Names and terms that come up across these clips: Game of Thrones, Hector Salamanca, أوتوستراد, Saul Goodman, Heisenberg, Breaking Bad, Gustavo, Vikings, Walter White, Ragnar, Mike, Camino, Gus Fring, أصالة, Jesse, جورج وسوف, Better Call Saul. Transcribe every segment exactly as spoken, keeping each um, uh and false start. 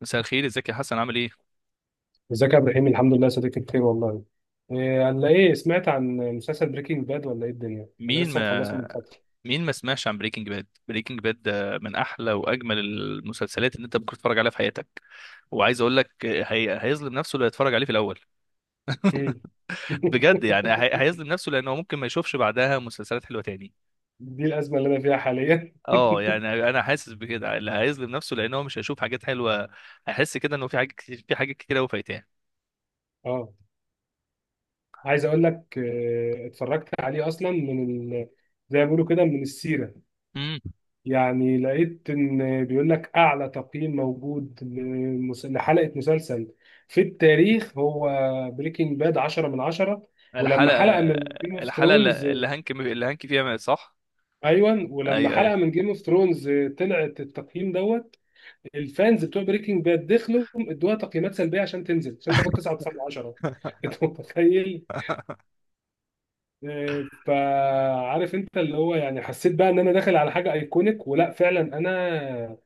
مساء الخير، ازيك يا حسن؟ عامل ايه؟ ازيك يا ابراهيم؟ الحمد لله يا صديقي، بخير والله. إيه، على ايه؟ سمعت عن مسلسل بريكنج باد ولا ايه الدنيا؟ انا مين لسه مخلصه من ما فتره. مين ما سمعش عن بريكنج باد؟ بريكنج باد ده من احلى واجمل المسلسلات اللي انت ممكن تتفرج عليها في حياتك. وعايز اقول لك هي... هيظلم نفسه لو يتفرج عليه في الاول. مم. بجد، يعني هي... هيظلم نفسه، لانه ممكن ما يشوفش بعدها مسلسلات حلوه تاني. دي الازمه اللي انا فيها حاليا. اه، يعني انا حاسس بكده، اللي هيظلم نفسه لان هو مش هيشوف حاجات حلوه. هيحس كده انه في حاجات كتير في حاجات كتير قوي فايتاه. اه. عايز اقول لك، آه، اتفرجت عليه اصلا من ال... زي ما بيقولوا كده، من السيره. امم. يعني لقيت ان بيقول لك اعلى تقييم موجود لمس- لحلقه مسلسل في التاريخ، هو بريكنج باد عشرة من عشرة. ولما الحلقه حلقه من جيم اوف الحلقه ثرونز... اللي اللي هانك اللي هانك فيها، صح؟ ايوه، ولما ايوه ايوه. حلقه من جيم اوف ثرونز طلعت التقييم دوت، الفانز بتوع بريكنج باد دخلوا ادوها تقييمات سلبيه عشان تنزل، عشان تاخد تسعه وتسعه من عشرة. انت متخيل؟ آه، فعارف انت، اللي هو يعني حسيت بقى ان انا داخل على حاجه ايكونيك، ولا فعلا انا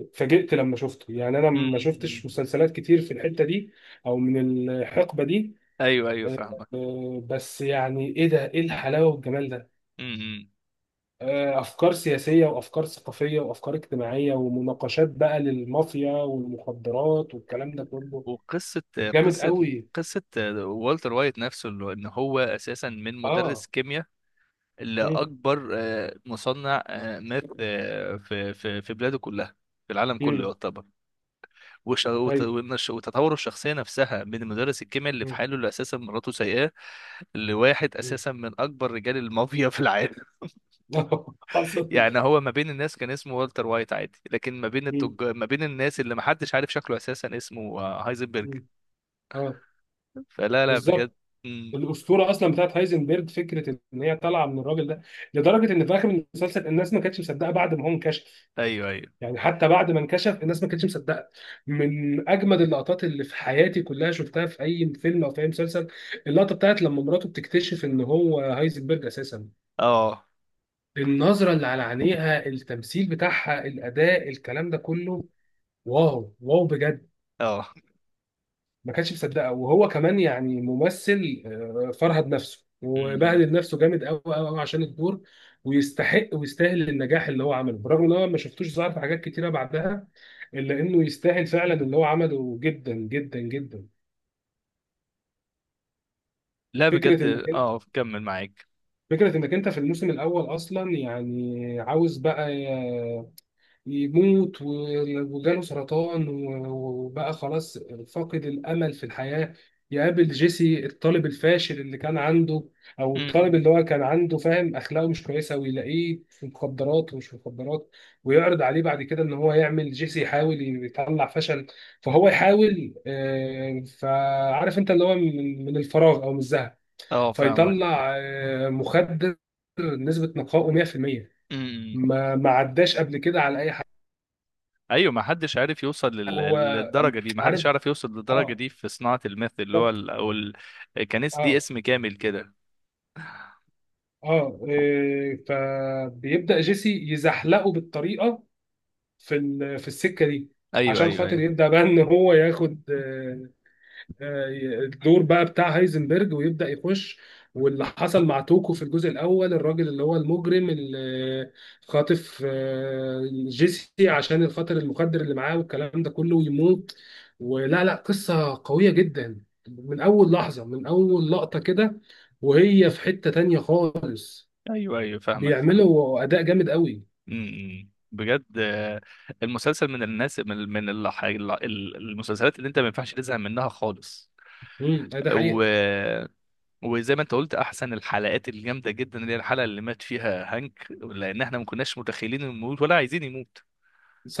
اتفاجئت لما شفته؟ يعني انا ما امم. شفتش مسلسلات كتير في الحته دي او من الحقبه دي. ايوه ايوه، آه، فاهمك. آه، بس يعني ايه ده، ايه الحلاوه والجمال ده؟ امم. آه، افكار سياسيه وافكار ثقافيه وافكار اجتماعيه ومناقشات بقى للمافيا والمخدرات والكلام ده كله وقصة جامد قصة قوي. قصة والتر وايت نفسه، اللي هو- ان هو اساسا من مدرس اه. كيمياء امم. لاكبر آه، مصنع آه، ماث آه، في في في بلاده كلها، في العالم كله امم. يعتبر. وش- وت- ايوه. وإن الش- وتطور الشخصية نفسها من مدرس الكيمياء اللي في مم. حاله، اللي اساسا مراته سايقاه، لواحد مم. اساسا من اكبر رجال المافيا في العالم. حصل. يعني هو ما بين الناس كان اسمه والتر وايت عادي، لكن ما بين مم. التج... ما بين الناس اللي ما حدش عارف شكله اساسا اسمه آه، هايزنبرج. مم. اه. فلا، لا، بجد. بالظبط. الاسطوره اصلا بتاعت هايزنبرج، فكره ان هي طالعه من الراجل ده، لدرجه ان في اخر المسلسل الناس ما كانتش مصدقه بعد ما هو انكشف. ايوه ايوه. يعني حتى بعد ما انكشف الناس ما كانتش مصدقه. من اجمد اللقطات اللي في حياتي كلها شفتها في اي فيلم او في اي مسلسل، اللقطه بتاعت لما مراته بتكتشف ان هو هايزنبرج اساسا. اه النظره اللي على عينيها، التمثيل بتاعها، الاداء، الكلام ده كله، واو واو بجد. اه. ما كانش مصدقها. وهو كمان يعني ممثل، آه، فرهد نفسه أمم. وبهدل نفسه جامد قوي قوي قوي عشان الدور. ويستحق ويستاهل النجاح اللي هو عمله، برغم ان هو ما شفتوش ظهر في حاجات كتيره بعدها، الا انه يستاهل فعلا اللي هو عمله جدا جدا جدا. لا، بجد، فكره انك انت اه كمل معاك. فكره انك انت في الموسم الاول اصلا، يعني عاوز بقى يموت، و- وجاله سرطان، و- وبقى خلاص فاقد الأمل في الحياة. يقابل جيسي، الطالب الفاشل اللي كان عنده، أو الطالب أمم. اللي هو كان عنده، فاهم أخلاقه مش كويسة، ويلاقيه في مخدرات ومش في مخدرات. ويعرض عليه بعد كده إن هو يعمل، جيسي يحاول يطلع فشل. فهو يحاول، آه، فعارف أنت، اللي هو من من الفراغ أو من الزهق، اه، فاهمك. فيطلع آه، مخدر نسبة نقائه مية في المية. أمم. ما ما عداش قبل كده على أي. ايوه، ما حدش عارف يوصل هو لل- للدرجه دي ما حدش عارف. عارف يوصل للدرجه اه. دي في صناعه الميث. اللي هو بالظبط. ال... او ال... كان اس- دي اه. اسم كامل كده. اه. إيه، فبيبدأ جيسي يزحلقه بالطريقة، في ال- في السكة دي، ايوه عشان ايوه خاطر ايوه. يبدأ بقى ان هو ياخد آه، الدور بقى بتاع هايزنبرج ويبدأ يخش. واللي حصل مع توكو في الجزء الأول، الراجل اللي هو المجرم اللي خاطف آه، جيسي عشان الخاطر المخدر اللي معاه والكلام ده كله، ويموت. ولا لا، قصة قوية جدا من أول لحظة، من أول لقطة كده، وهي في حتة تانية خالص. ايوه ايوه، فاهمك فاهم. بيعملوا أداء جامد قوي. أمم. امم. بجد، آه، المسلسل من الناس من من الح- ال- المسلسلات اللي انت ما ينفعش تزهق منها خالص. امم، ده حقيقة. و... وزي ما انت قلت، احسن الحلقات الجامده جدا اللي هي الحلقه اللي مات فيها هانك، لان احنا ما كناش متخيلين انه يموت ولا عايزين يموت.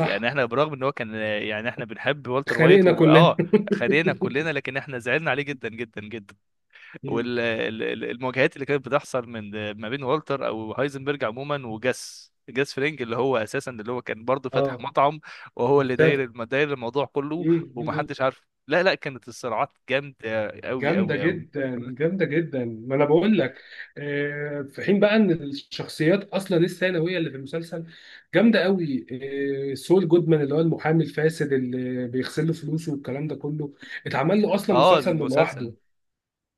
يعني احنا برغم ان هو كان يعني احنا بنحب والتر وايت، خانقنا كلنا. واه، خلينا كلنا، لكن احنا زعلنا عليه جدا جدا جدا. مم. والمواجهات اللي كانت بتحصل من ما بين والتر او هايزنبرج عموما وجاس جاس فرينج، اللي هو اساسا اللي هو كان برضه فاتح اه. مطعم، وهو اللي مستفز. داير الم- داير الموضوع كله ومحدش عارف. لا لا، كانت الصراعات جامده قوي جامدة قوي قوي. جدا جامدة جدا، ما انا بقول لك. آه، في حين بقى ان الشخصيات اصلا الثانوية اللي في المسلسل جامدة قوي. آه، سول جودمان، اللي هو المحامي الفاسد اللي بيغسل له فلوسه والكلام ده كله، اتعمل له اصلا اه، مسلسل من لوحده. المسلسل.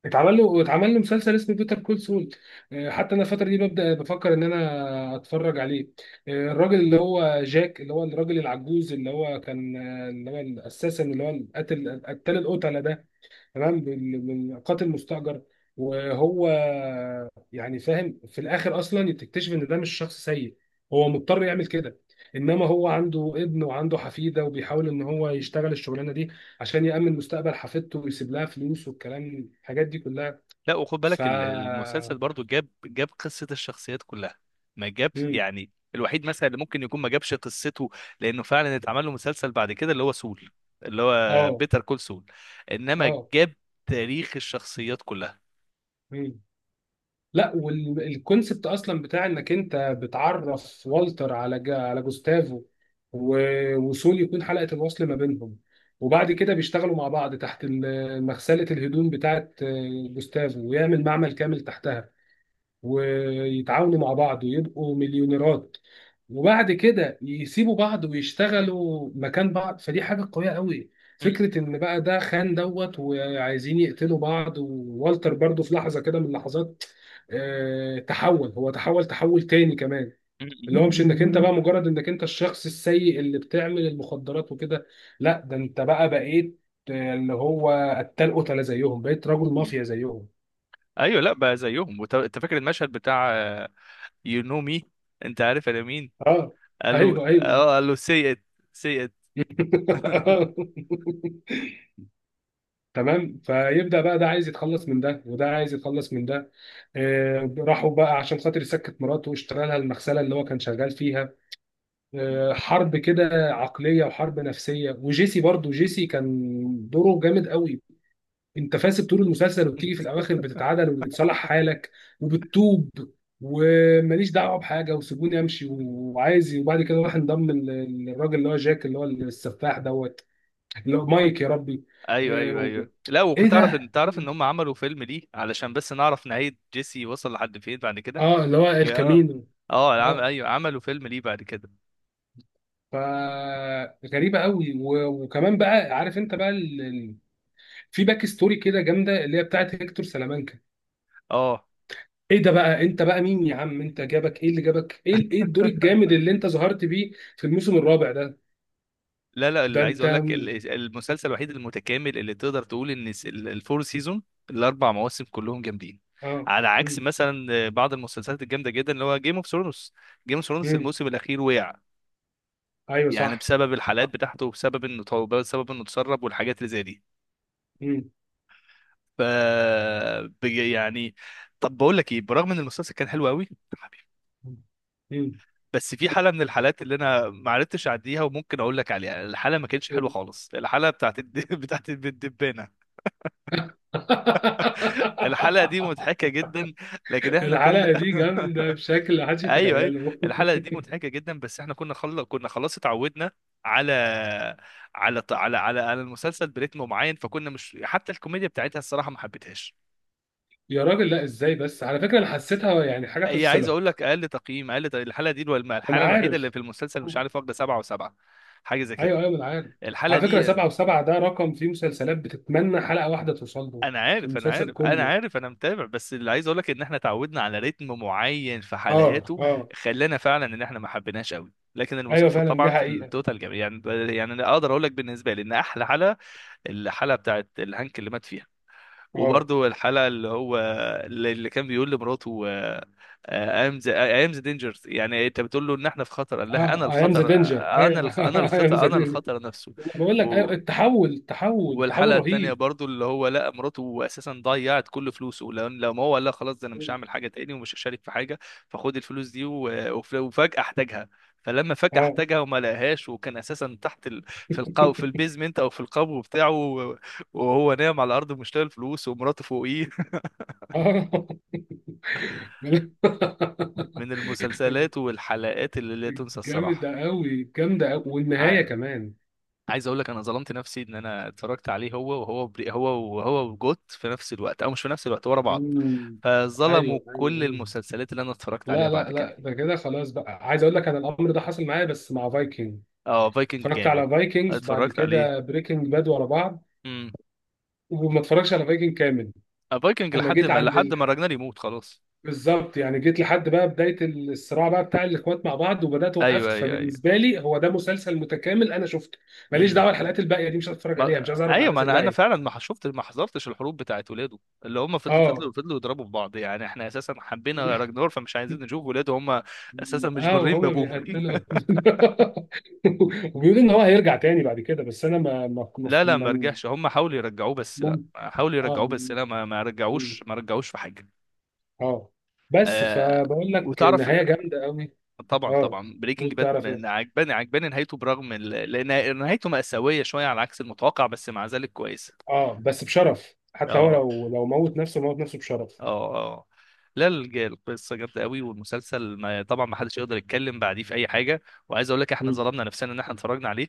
اتعمل له اتعمل له مسلسل اسمه بيتر كول سول. آه، حتى انا الفترة دي ببدأ بفكر ان انا اتفرج عليه. آه، الراجل اللي هو جاك، اللي هو الراجل العجوز اللي هو كان، آه، اللي هو الاساسا اللي هو القاتل، قتال القتلة ده. تمام، بال- بالقاتل مستأجر. وهو يعني فاهم، في الاخر اصلا تكتشف ان ده مش شخص سيء، هو مضطر يعمل كده. انما هو عنده ابن وعنده حفيده، وبيحاول ان هو يشتغل الشغلانه دي عشان يأمن مستقبل حفيدته ويسيب لها فلوس والكلام الحاجات دي كلها. لا، وخد ف بالك، ال- المسلسل برضو جاب جاب قصة الشخصيات كلها. ما جاب، مم. يعني الوحيد مثلا اللي ممكن يكون ما جابش قصته، لأنه فعلا اتعمل له مسلسل بعد كده اللي هو سول، اللي هو اه. بيتر كول سول، إنما اه. جاب تاريخ الشخصيات كلها. مم. لا، والكونسبت اصلا بتاع انك انت بتعرف والتر على جا على جوستافو، و- وسول يكون حلقه الوصل ما بينهم، وبعد كده بيشتغلوا مع بعض تحت ال- مغسله الهدوم بتاعت آه، جوستافو، ويعمل معمل كامل تحتها، ويتعاونوا مع بعض ويبقوا مليونيرات، وبعد كده يسيبوا بعض ويشتغلوا مكان بعض. فدي حاجة قوية قوي. م- فكرة ان بقى ده خان دوت وعايزين يقتلوا بعض. ووالتر برضو في لحظة كده من لحظات، آه، تحول هو تحول تحول تاني كمان، اللي هو م- مش انك انت بقى مجرد انك انت الشخص السيء اللي بتعمل المخدرات وكده، لا ده انت بقى بقيت، آه، اللي هو قتال قتلة زيهم، بقيت رجل م- م. مافيا زيهم. أيوه، لا بقى زيهم، وت- أنت فاكر المشهد بتاع "يو نو مي"، أنت عارف أنا مين؟ اه. قال له ايوه ايوه. اه قال له "سي إت". سي تمام، فيبدأ بقى ده عايز يتخلص من ده وده عايز يتخلص من ده. آه، راحوا بقى عشان خاطر يسكت مراته واشترى لها المغسلة اللي هو كان شغال فيها. آه، إت. حرب كده عقلية وحرب نفسية. وجيسي برضو، جيسي كان دوره جامد قوي. انت فاسد طول المسلسل، وبتيجي في الاواخر بتتعدل وبتصلح حالك وبتتوب وماليش دعوه بحاجه وسيبوني امشي وعايز. وبعد كده راح انضم لل- للراجل اللي هو جاك، اللي هو السفاح دوت. لو مايك، يا ربي. ايوه آه، ايوه و- ايوه. لا، ايه وكنت تعرف ان ده؟ تعرف ان هم عملوا فيلم ليه علشان بس نعرف نهاية جيسي وصل لحد فين بعد كده. اه، اللي هو اه الكامينو. اه، عم... اه. ايوه، عملوا فيلم ليه بعد كده. فغريبه قوي، و- وكمان بقى، عارف انت بقى ال... ال- في باك ستوري كده جامده، اللي هي بتاعت هيكتور سلامانكا. اه. ايه ده بقى، انت بقى مين يا عم؟ انت جابك ايه؟ اللي جابك ايه ال- ايه الدور الجامد اللي انت ظهرت بيه في الموسم الرابع ده؟ لا لا، ده اللي عايز انت. اقول لك ال- المسلسل الوحيد المتكامل اللي تقدر تقول ان الس- ال- الفور سيزون، الاربع مواسم كلهم جامدين. اه. على عكس مم. مثلا بعض المسلسلات الجامده جدا اللي هو جيم اوف ثرونز. جيم اوف ثرونز مم. الموسم الاخير وقع، ايوه يعني صح. بسبب الحلقات صح. بتاعته وبسبب انه طو- بسبب انه اتسرب والحاجات اللي زي دي. مم. ف بج- يعني، طب بقول لك ايه، برغم ان المسلسل كان حلو قوي، حبيبي، مم. بس في حاله من الحالات اللي انا ما عرفتش اعديها وممكن اقول لك عليها الحاله ما كانتش حلوه مم. خالص، الحاله بتاعت الد... بتاعت الدبانه. الحلقه دي مضحكه جدا، لكن احنا كنا الحلقة دي جامدة بشكل محدش ايوه ايوه. يتخيله. الحلقه دي مضحكه جدا بس احنا كنا خل... كنا خلاص اتعودنا على على على على على المسلسل بريتم معين، فكنا مش حتى الكوميديا بتاعتها الصراحه ما حبيتهاش. يا راجل، لا ازاي بس؟ على فكرة انا حسيتها يعني حاجة هي عايز اقول تفصلك. لك اقل تقييم، اقل تق- الحلقه دي الو- انا الحلقه الوحيده اللي عارف. في المسلسل مش عارف واخده سبعه وسبعه، حاجه زي كده ايوه ايوه انا عارف. الحلقه على فكرة دي. سبعة وسبعة ده رقم في مسلسلات بتتمنى حلقة واحدة توصل له. انا في عارف انا المسلسل عارف انا كله. عارف، انا متابع، بس اللي عايز اقول لك ان احنا اتعودنا على رتم معين في اه. حلقاته، اه. خلانا فعلا ان احنا ما حبيناش قوي. لكن ايوه المسلسل فعلا، دي طبعا في حقيقة. التوتال جميل يعني. يعني انا اقدر اقول لك بالنسبه لي ان احلى حلقه الحلقه بتاعت الهانك اللي مات فيها، اه. وبرضه الحلقه اللي هو اللي اللي كان بيقول لمراته ايام ذا ايام ذا دينجرز"، يعني انت بتقول له ان احنا في خطر، قال لها "انا اه. ايام ذا الخطر". دينجر، انا ايوه. الخ... انا ايام الخطر، ذا انا دينجر. الخطر نفسه. بقول لك ايوه، و... التحول، التحول، تحول والحلقه التانيه رهيب. برضو اللي هو لقى مراته اساسا ضيعت كل فلوسه، لو لو ما هو قال لها خلاص ده انا مش هعمل حاجه تاني ومش هشارك في حاجه، فخد الفلوس دي و- وف- وفجاه احتاجها. فلما فجاه اه. احتاجها وما لقاهاش، وكان اساسا تحت ال... في القو في البيزمنت او في القبو بتاعه و- وهو نايم على الارض مش لاقي الفلوس ومراته فوقيه. اه. من المسلسلات والحلقات اللي لا تنسى الصراحه. جامدة أوي جامدة أوي، والنهاية كمان. عايز اقول لك انا ظلمت نفسي ان انا اتفرجت عليه هو وهو بري هو وهو وجوت في نفس الوقت، او مش في نفس الوقت، ورا بعض، مم. فظلموا أيوه كل أيوه أيوه. المسلسلات اللي انا اتفرجت عليها لا لا بعد كده. لا، ده كده خلاص، بقى عايز أقول لك أنا الأمر ده حصل معايا بس مع فايكنج. اه، فايكنج اتفرجت على جامد، فايكنجز بعد اتفرجت عليه. كده بريكنج باد ورا بعض، امم. وما اتفرجش على فايكنج كامل. فايكنج أنا لحد جيت ما عند لحد ما ال... راجنر يموت خلاص. بالظبط، يعني جيت لحد بقى بداية الصراع بقى بتاع الإخوات مع بعض، وبدأت ايوه وقفت. ايوه ايوه. فبالنسبة لي هو ده مسلسل متكامل، أنا شفته، ماليش امم. دعوة الحلقات الباقية دي مش هتفرج عليها، مش ما... عايز أعرف ايوه، ما الأحداث انا انا الباقية. فعلا ما شفت ما حضرتش الحروب بتاعت ولاده اللي هم فضلوا أه. فضلوا فضلوا يضربوا في بعض. يعني احنا اساسا حبينا راجنور، فمش عايزين نشوف ولاده هم اساسا مش اه، بارين وهما بابوه. بيقتلوا وبيقولوا ان هو هيرجع تاني بعد كده، بس انا ما ما لا لا، ما ما ما- رجعش، هم حاولوا يرجعوه بس لا ما- حاولوا اه. يرجعوه بس لا ما ما م- رجعوش ما رجعوش في حاجه. اه. بس آه فبقول لك وتعرف، نهايه جامده قوي. طبعا اه. طبعا بريكنج قول، تعرف باد ايه. عجباني، عجباني نهايته، برغم ال- لان نهايته مأساويه شويه على عكس المتوقع، بس مع ذلك كويسه. اه، بس بشرف. حتى هو اه لو لو موت نفسه، موت نفسه بشرف. اه اه. لا، الج- القصه جامده قوي والمسلسل، ما طبعا، ما حدش يقدر يتكلم بعديه في اي حاجه. وعايز اقول لك احنا مم. ظلمنا نفسنا ان احنا اتفرجنا عليه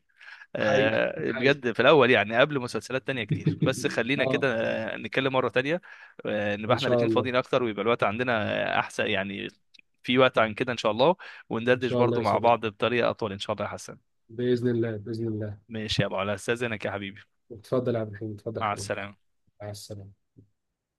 حقيقه آه، حقيقه. بجد في الاول، يعني قبل مسلسلات تانية كتير، بس خلينا اه. كده آه، نتكلم مره تانية، آه، نبقى ان احنا شاء الاتنين الله. فاضيين اكتر ويبقى الوقت عندنا، آه، احسن يعني، في وقت عن كده ان شاء الله، ان وندردش شاء الله برضو يا مع صديقي. بعض بطريقه اطول ان شاء الله يا حسن. باذن الله، باذن الله. ماشي يا ابو علاء، استاذنك يا حبيبي. اتفضل يا عبد الحميد، اتفضل يا مع حبيبي. السلامه. مع السلامه.